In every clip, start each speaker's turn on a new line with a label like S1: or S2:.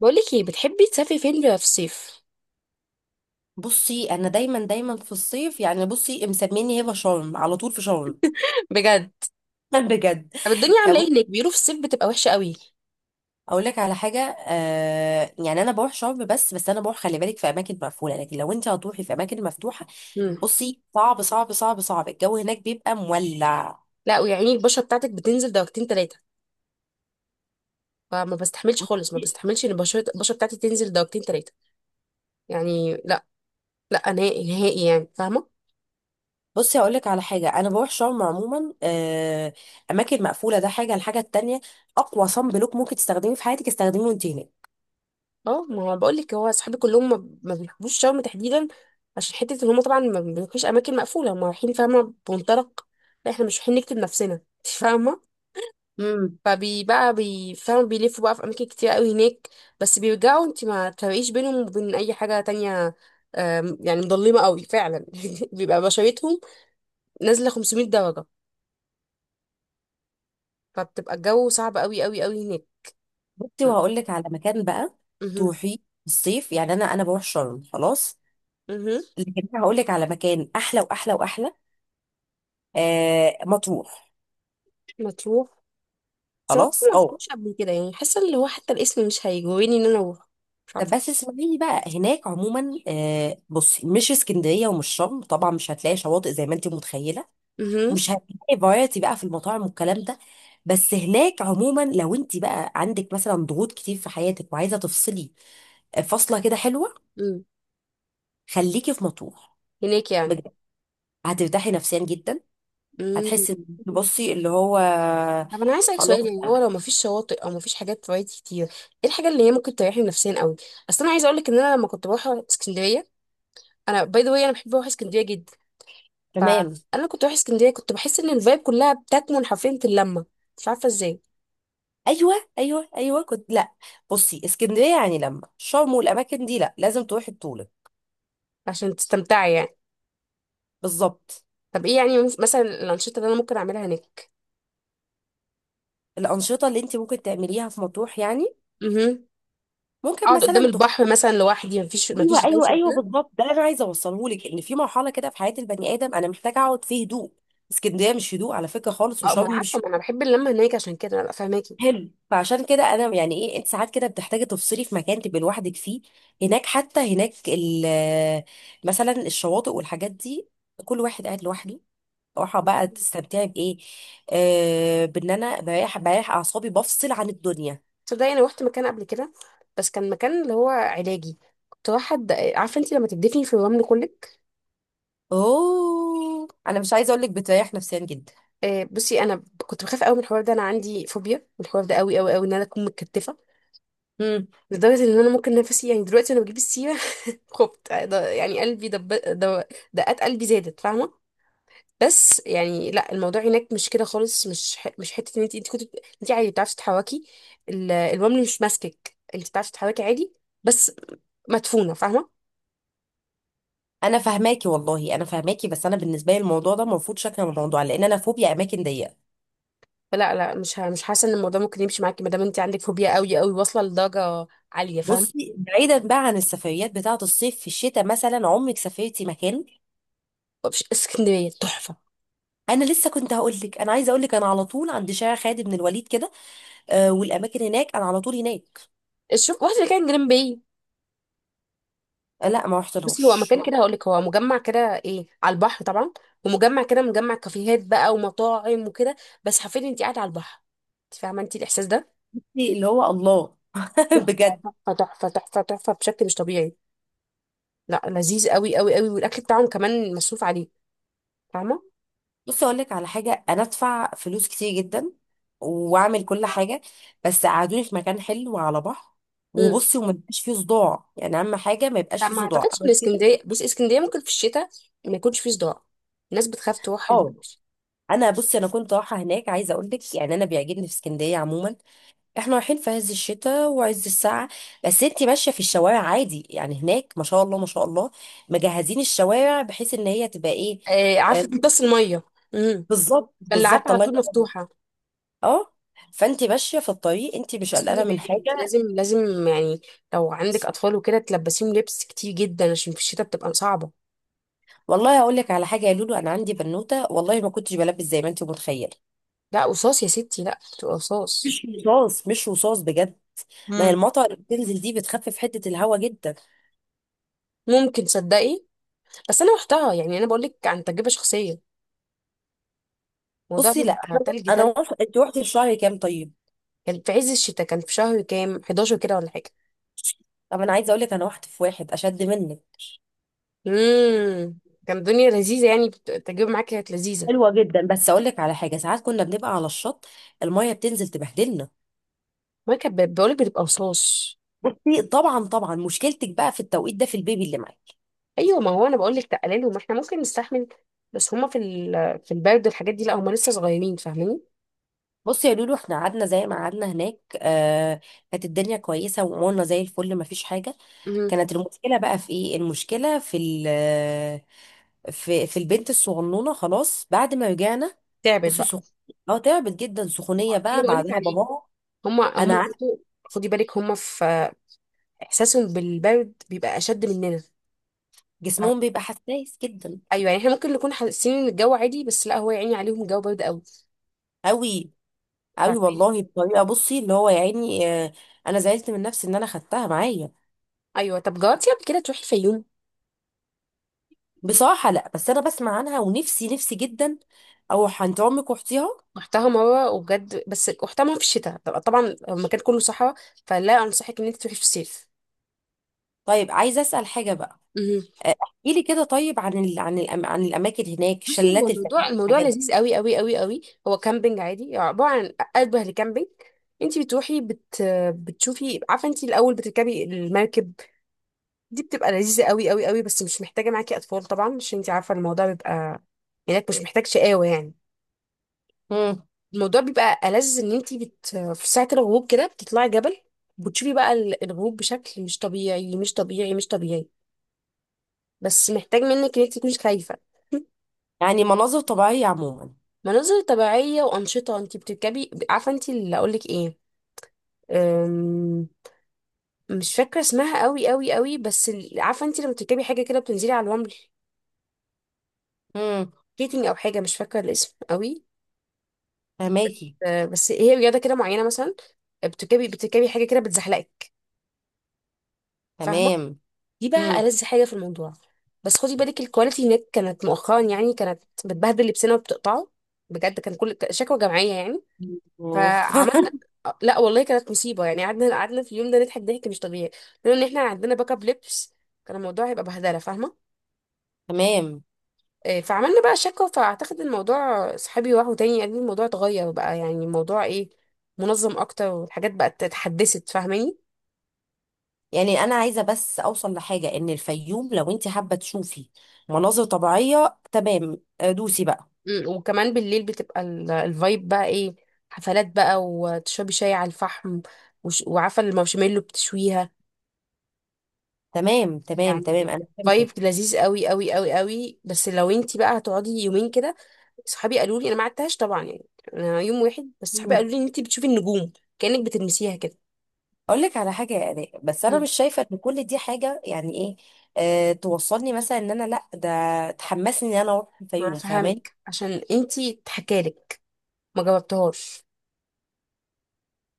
S1: بقولك ايه، بتحبي تسافري فين في الصيف؟
S2: بصي، انا دايما دايما في الصيف. يعني بصي، مسميني هبه شرم على طول في شرم.
S1: بجد؟
S2: بجد.
S1: طب الدنيا
S2: يعني
S1: عامله
S2: بص،
S1: ايه هناك؟ بيقولوا في الصيف بتبقى وحشه قوي.
S2: اقول لك على حاجه يعني انا بروح شرم، بس انا بروح خلي بالك في اماكن مقفوله، لكن لو انت هتروحي في اماكن مفتوحه،
S1: امم.
S2: بصي صعب صعب صعب صعب، الجو هناك بيبقى مولع.
S1: لا، ويعني البشره بتاعتك بتنزل درجتين ثلاثه. فما بستحملش خالص، ما بستحملش ان البشره بتاعتي تنزل درجتين ثلاثه. يعني لا. لا نهائي نهائي، يعني فاهمه.
S2: بصي هقول لك على حاجه، انا بروح شرم عموما. اماكن مقفوله، ده حاجه. الحاجه التانيه، اقوى صن بلوك ممكن تستخدميه في حياتك استخدميه وانت
S1: اه، ما هو بقول لك، هو اصحابي كلهم ما بيحبوش شرم تحديدا. عشان حته ان هم طبعا ما بيروحوش اماكن مقفوله، هم رايحين فاهمه بمنطلق. لا احنا مش رايحين نكتب نفسنا انت فاهمه.
S2: هناك.
S1: فبي بقى بيفهموا، بيلفوا بقى في اماكن كتير قوي هناك، بس بيرجعوا انت ما تفرقيش بينهم وبين اي حاجه تانية. يعني مظلمه قوي فعلا بيبقى بشرتهم نازله 500 درجه. فبتبقى الجو صعب قوي قوي قوي هناك.
S2: بصي
S1: م-
S2: وهقول لك على مكان بقى
S1: مهم.
S2: تروحي الصيف. يعني انا بروح شرم خلاص،
S1: مهم.
S2: لكن أنا هقول لك على مكان احلى واحلى واحلى. مطروح.
S1: مطروح. بصراحه ما
S2: خلاص اه.
S1: رحتش قبل كده، يعني حاسه اللي هو حتى الاسم مش هيجوريني ان انا اروح. مش
S2: طب
S1: عارفه.
S2: بس اسمعيني بقى، هناك عموما بصي مش اسكندريه ومش شرم، طبعا مش هتلاقي شواطئ زي ما انت متخيله،
S1: مهم.
S2: مش هتلاقي فرايتي بقى في المطاعم والكلام ده. بس هناك عموما لو انت بقى عندك مثلا ضغوط كتير في حياتك وعايزه تفصلي، فصله كده حلوه.
S1: مم.
S2: خليكي في مطروح،
S1: هناك يعني.
S2: بجد. هترتاحي نفسيا جدا. هتحسي
S1: مم.
S2: بصي اللي هو
S1: طب انا عايز اسالك
S2: خلاص.
S1: سؤال، يعني هو لو مفيش شواطئ او مفيش حاجات فوائد كتير، ايه الحاجه اللي هي ممكن تريحني نفسيا قوي؟ اصل انا عايزه اقول لك ان انا لما كنت بروح اسكندريه، انا باي ذا واي انا بحب اروح اسكندريه جدا.
S2: تمام.
S1: فانا كنت بروح اسكندريه، كنت بحس ان الفايب كلها بتكمن حرفيا في اللمه. مش عارفه ازاي.
S2: ايوه ايوه ايوه كنت، لا بصي اسكندريه يعني لما شرم والاماكن دي، لا لازم تروحي بطوله.
S1: عشان تستمتعي يعني.
S2: بالظبط.
S1: طب ايه يعني، مثلا الانشطه اللي انا ممكن اعملها هناك؟
S2: الانشطه اللي انت ممكن تعمليها في مطروح يعني
S1: امم.
S2: ممكن
S1: اقعد قدام
S2: مثلا
S1: البحر مثلا لوحدي، مفيش
S2: ايوه ايوه
S1: دوشه
S2: ايوه،
S1: كده.
S2: بالظبط. ده اللي انا عايزه اوصله لك، ان في مرحله كده في حياه البني ادم انا محتاجه اقعد فيه هدوء. اسكندريه مش هدوء على فكره خالص،
S1: اه، ما انا
S2: وشرم
S1: عارفه،
S2: مش.
S1: ما انا بحب اللمه هناك، عشان كده انا ببقى فاهماكي.
S2: حلو، فعشان كده انا يعني ايه، انت ساعات كده بتحتاجي تفصلي في مكان تبقي لوحدك فيه. هناك حتى مثلا الشواطئ والحاجات دي، كل واحد قاعد لوحده. راحة بقى. تستمتعي بايه؟ بان انا بريح اعصابي، بفصل عن الدنيا.
S1: تصدقي انا روحت مكان قبل كده، بس كان مكان اللي هو علاجي. كنت واحد، عارفه انت لما تدفني في الرمل كلك؟
S2: اوه، انا مش عايزه اقول لك، بتريح نفسيا جدا.
S1: بصي انا كنت بخاف قوي من الحوار ده، انا عندي فوبيا من الحوار ده قوي قوي قوي ان انا اكون متكتفه،
S2: امم.
S1: لدرجه ان انا ممكن نفسي يعني دلوقتي وانا بجيب السيره خفت. يعني قلبي دو- دقات قلبي زادت، فاهمه. بس يعني لا، الموضوع هناك مش كده خالص، مش حته ان انت كنت، انت عادي بتعرفي تتحركي. الرمل مش ماسكك، انت بتعرفي تتحركي عادي، بس مدفونه، فاهمه.
S2: انا فاهماكي والله انا فاهماكي، بس انا بالنسبه لي الموضوع ده مرفوض، شكل من الموضوع، لان انا فوبيا اماكن ضيقه.
S1: لا لا، مش حاسه ان الموضوع ممكن يمشي معاكي ما دام انت عندك فوبيا قوي قوي واصله لدرجه عاليه، فاهم.
S2: بصي بعيدا بقى عن السفريات بتاعه الصيف، في الشتاء مثلا عمرك سافرتي مكان؟
S1: مش اسكندريه تحفه؟
S2: انا لسه كنت هقول لك، انا عايزه اقول لك انا على طول عند شارع خالد بن الوليد كده. والاماكن هناك، انا على طول هناك.
S1: شوف واحد اللي كان جرين باي.
S2: آه لا، ما
S1: بصي هو
S2: رحتلهاش
S1: مكان
S2: ما
S1: كده، هقول لك هو مجمع كده، ايه، على البحر طبعا. ومجمع كده، مجمع كافيهات بقى ومطاعم وكده، بس حرفيا انت قاعده على البحر. انت فاهمه انت الاحساس ده؟
S2: إيه اللي هو الله.
S1: تحفه
S2: بجد.
S1: تحفه تحفه تحفه تحفه بشكل مش طبيعي. لا، لذيذ قوي قوي قوي، والاكل بتاعهم كمان مصروف عليه، فاهمه.
S2: بص اقول لك على حاجه، انا ادفع فلوس كتير جدا واعمل كل حاجه، بس قعدوني في مكان حلو على بحر. وبصي، وما يبقاش فيه صداع، يعني اهم حاجه ما يبقاش
S1: لا
S2: فيه
S1: ما
S2: صداع
S1: اعتقدش
S2: أو
S1: ان
S2: كده.
S1: اسكندريه، بص، اسكندريه ممكن في الشتاء ما يكونش فيه صداع. الناس بتخاف تروح
S2: اه. انا بصي انا كنت رايحه هناك، عايزه اقول لك يعني انا بيعجبني في اسكندريه عموما، احنا رايحين في عز الشتاء وعز الساعة، بس انتي ماشية في الشوارع عادي. يعني هناك ما شاء الله ما شاء الله، مجهزين الشوارع بحيث ان هي تبقى ايه.
S1: آه،
S2: آه.
S1: عارفه، بس الميه. امم.
S2: بالظبط
S1: البلاعات
S2: بالظبط،
S1: على
S2: الله
S1: طول
S2: يبارك.
S1: مفتوحه.
S2: اه. فانتي ماشية في الطريق انتي مش
S1: بس خدي
S2: قلقانة من
S1: بالك، انت
S2: حاجة.
S1: لازم لازم يعني لو عندك اطفال وكده تلبسيهم لبس كتير جدا، عشان في الشتاء بتبقى صعبه.
S2: والله هقول لك على حاجة يا لولو، انا عندي بنوتة والله ما كنتش بلبس زي ما انتي متخيلة.
S1: لا قصاص يا ستي، لا، بتبقى قصاص.
S2: مش رصاص مش رصاص بجد. ما هي
S1: مم.
S2: المطر اللي بتنزل دي بتخفف حدة الهوا جدا.
S1: ممكن تصدقي، بس انا رحتها، يعني انا بقول لك عن تجربه شخصيه، الموضوع
S2: بصي لا،
S1: بيبقى تلج تلج.
S2: انت رحتي في شهر كام طيب؟
S1: كان في عز الشتاء، كان في شهر كام، 11 كده ولا حاجه.
S2: طب انا عايزه اقول لك، انا رحت في واحد اشد منك.
S1: امم. كان الدنيا لذيذه، يعني التجربه معاك كانت لذيذه.
S2: حلوه جدا، بس اقول لك على حاجه، ساعات كنا بنبقى على الشط، الميه بتنزل تبهدلنا.
S1: ما كانت بقولك بتبقى رصاص.
S2: بصي طبعا طبعا، مشكلتك بقى في التوقيت ده في البيبي اللي معاك.
S1: ايوه، ما هو انا بقولك تقللهم، ما احنا ممكن نستحمل، بس هما في البرد والحاجات دي لا، هما لسه صغيرين فاهماني.
S2: بصي يا لولو، احنا قعدنا زي ما قعدنا هناك كانت الدنيا كويسه وامورنا زي الفل، ما فيش حاجه.
S1: امم.
S2: كانت المشكله بقى في ايه؟ المشكله في البنت الصغنونه. خلاص، بعد ما رجعنا
S1: تعبت
S2: بصي
S1: بقى.
S2: سخ... اه تعبت جدا،
S1: ما هو
S2: سخونيه
S1: ده اللي
S2: بقى
S1: بقولك
S2: بعدها
S1: عليه،
S2: بابا.
S1: هما
S2: انا عارفه،
S1: برضه، خدي بالك هما في، احساسهم بالبرد بيبقى اشد مننا، فاهمة؟
S2: جسمهم بيبقى حساس جدا.
S1: ايوه، يعني احنا ممكن نكون حاسين ان الجو عادي، بس لا، هو يا عيني عليهم الجو برد قوي،
S2: قوي قوي
S1: فاهماني.
S2: والله، بطريقه بصي اللي هو يعني انا زعلت من نفسي ان انا خدتها معايا.
S1: ايوه. طب جربتي قبل كده تروحي الفيوم؟
S2: بصراحه لا، بس انا بسمع عنها ونفسي نفسي جدا اروح عند عمك واختيها.
S1: رحتها مرة وبجد، بس رحتها مرة في الشتاء طبعا، المكان كله صحراء، فلا أنصحك إن أنت تروحي في الصيف.
S2: طيب، عايزه اسال حاجه بقى.
S1: مهم.
S2: احكيلي كده طيب، عن عن الأم، عن الاماكن هناك،
S1: بصي هو
S2: شلالات الفنادق
S1: الموضوع، الموضوع
S2: الحاجات دي.
S1: لذيذ قوي قوي قوي قوي. هو كامبينج عادي، عبارة عن أشبه لكامبينج. انت بتشوفي، عارفه انت الاول بتركبي المركب؟ دي بتبقى لذيذه قوي قوي قوي، بس مش محتاجه معاكي اطفال طبعا، عشان انت عارفه الموضوع بيبقى هناك مش محتاج شقاوه يعني.
S2: مم.
S1: الموضوع بيبقى ألذ ان في ساعة الغروب كده بتطلعي جبل، بتشوفي بقى الغروب بشكل مش طبيعي مش طبيعي مش طبيعي، بس محتاج منك ان انتي تكوني خايفة.
S2: يعني مناظر طبيعيه عموما.
S1: مناظر طبيعية وأنشطة، انتي بتركبي، عارفة انتي اللي اقولك ايه، أم... مش فاكرة اسمها قوي قوي قوي، عارفة انتي لما بتركبي حاجة كده بتنزلي على الرمل؟
S2: امم.
S1: سكيتنج او حاجة، مش فاكرة الاسم قوي.
S2: فهماكي.
S1: بس هي رياضة كده معينة مثلا، بتركبي حاجة كده بتزحلقك، فاهمة.
S2: تمام.
S1: دي بقى
S2: امم.
S1: ألذ حاجة في الموضوع. بس خدي بالك الكواليتي هناك كانت مؤخرا، يعني كانت بتبهدل لبسنا وبتقطعه بجد، كان كل شكوى جماعية يعني. فعملنا، لا والله كانت مصيبة، يعني قعدنا في اليوم ده نضحك ضحك مش طبيعي، لأن احنا عندنا باك اب لبس. كان الموضوع هيبقى بهدلة، فاهمة.
S2: تمام.
S1: إيه، فعملنا بقى شكوى، فأعتقد الموضوع، صحابي راحوا تاني قال لي الموضوع اتغير بقى، يعني الموضوع ايه، منظم أكتر والحاجات بقت اتحدثت، فاهماني.
S2: يعني انا عايزه بس اوصل لحاجه، ان الفيوم لو انت حابه تشوفي مناظر طبيعيه تمام، دوسي بقى.
S1: مم، وكمان بالليل بتبقى الفايب بقى ايه، حفلات بقى وتشربي شاي على الفحم، وعارفه المارشميلو بتشويها،
S2: تمام تمام تمام،
S1: يعني
S2: انا فهمتك.
S1: فايب لذيذ قوي قوي قوي قوي. بس لو انتي بقى هتقعدي يومين كده، صحابي قالوا لي، انا ما قعدتهاش طبعا يعني، انا يوم واحد بس، صحابي
S2: مم.
S1: قالوا لي ان انتي بتشوفي النجوم كأنك بتلمسيها كده.
S2: اقول لك على حاجه يا اراء، بس انا
S1: مم.
S2: مش شايفه ان كل دي حاجه يعني ايه توصلني، مثلا ان انا لا ده تحمسني ان انا اروح
S1: ما
S2: الفيوم، فاهماني.
S1: فهمك عشان انتي اتحكالك ما جاوبتهاش،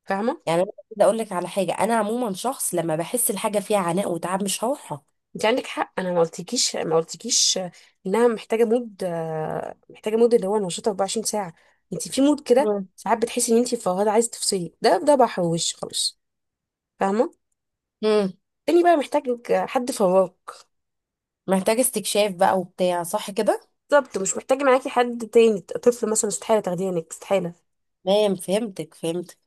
S1: فاهمه.
S2: يعني انا كده اقول لك على حاجه، انا عموما شخص لما بحس الحاجه فيها عناء وتعب مش هروحها.
S1: انت عندك حق، انا ما قلتكيش انها محتاجه مود، محتاجه مود اللي هو نشيط 24 ساعه. انت في مود كده
S2: مم.
S1: ساعات بتحسي ان انت فوهده عايزه تفصلي، ده بحر وش خالص، فاهمه.
S2: امم.
S1: تاني بقى محتاج حد فواك.
S2: محتاج استكشاف بقى وبتاع، صح كده.
S1: بالظبط، مش محتاج معاكي حد تاني، طفل مثلا استحاله تاخديه هناك، استحاله.
S2: تمام فهمتك فهمتك.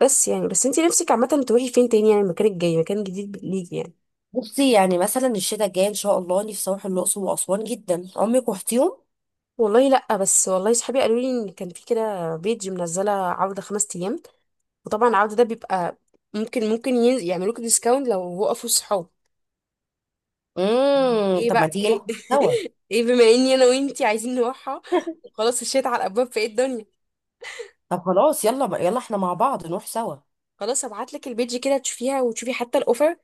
S1: بس يعني، بس انت نفسك عامه تروحي فين تاني، يعني المكان الجاي مكان جديد ليكي يعني.
S2: بصي يعني مثلا الشتاء الجاي ان شاء الله، نفسي اروح الاقصر واسوان جدا، عمرك رحتيهم؟
S1: والله لا، بس والله صحابي قالوا لي ان كان في كده بيج منزله عرض خمس ايام، وطبعا العرض ده بيبقى ممكن، يعملوك ديسكاونت لو وقفوا الصحاب.
S2: امم.
S1: ايه
S2: طب ما
S1: بقى،
S2: تيجي
S1: ايه؟
S2: نروح سوا؟
S1: ايه، بما اني انا وانتي عايزين نروحها وخلاص الشيت على الابواب، في ايه الدنيا.
S2: طب خلاص، يلا بقى، يلا احنا مع بعض نروح سوا.
S1: خلاص هبعت لك البيج كده، تشوفيها وتشوفي حتى الاوفر،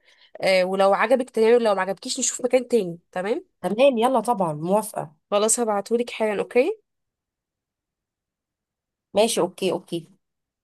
S1: ولو عجبك تمام، ولو ما عجبكيش نشوف مكان تاني تمام.
S2: تمام، يلا طبعا موافقة.
S1: خلاص هبعتهولك حالا، اوكي.
S2: ماشي، اوكي اوكي.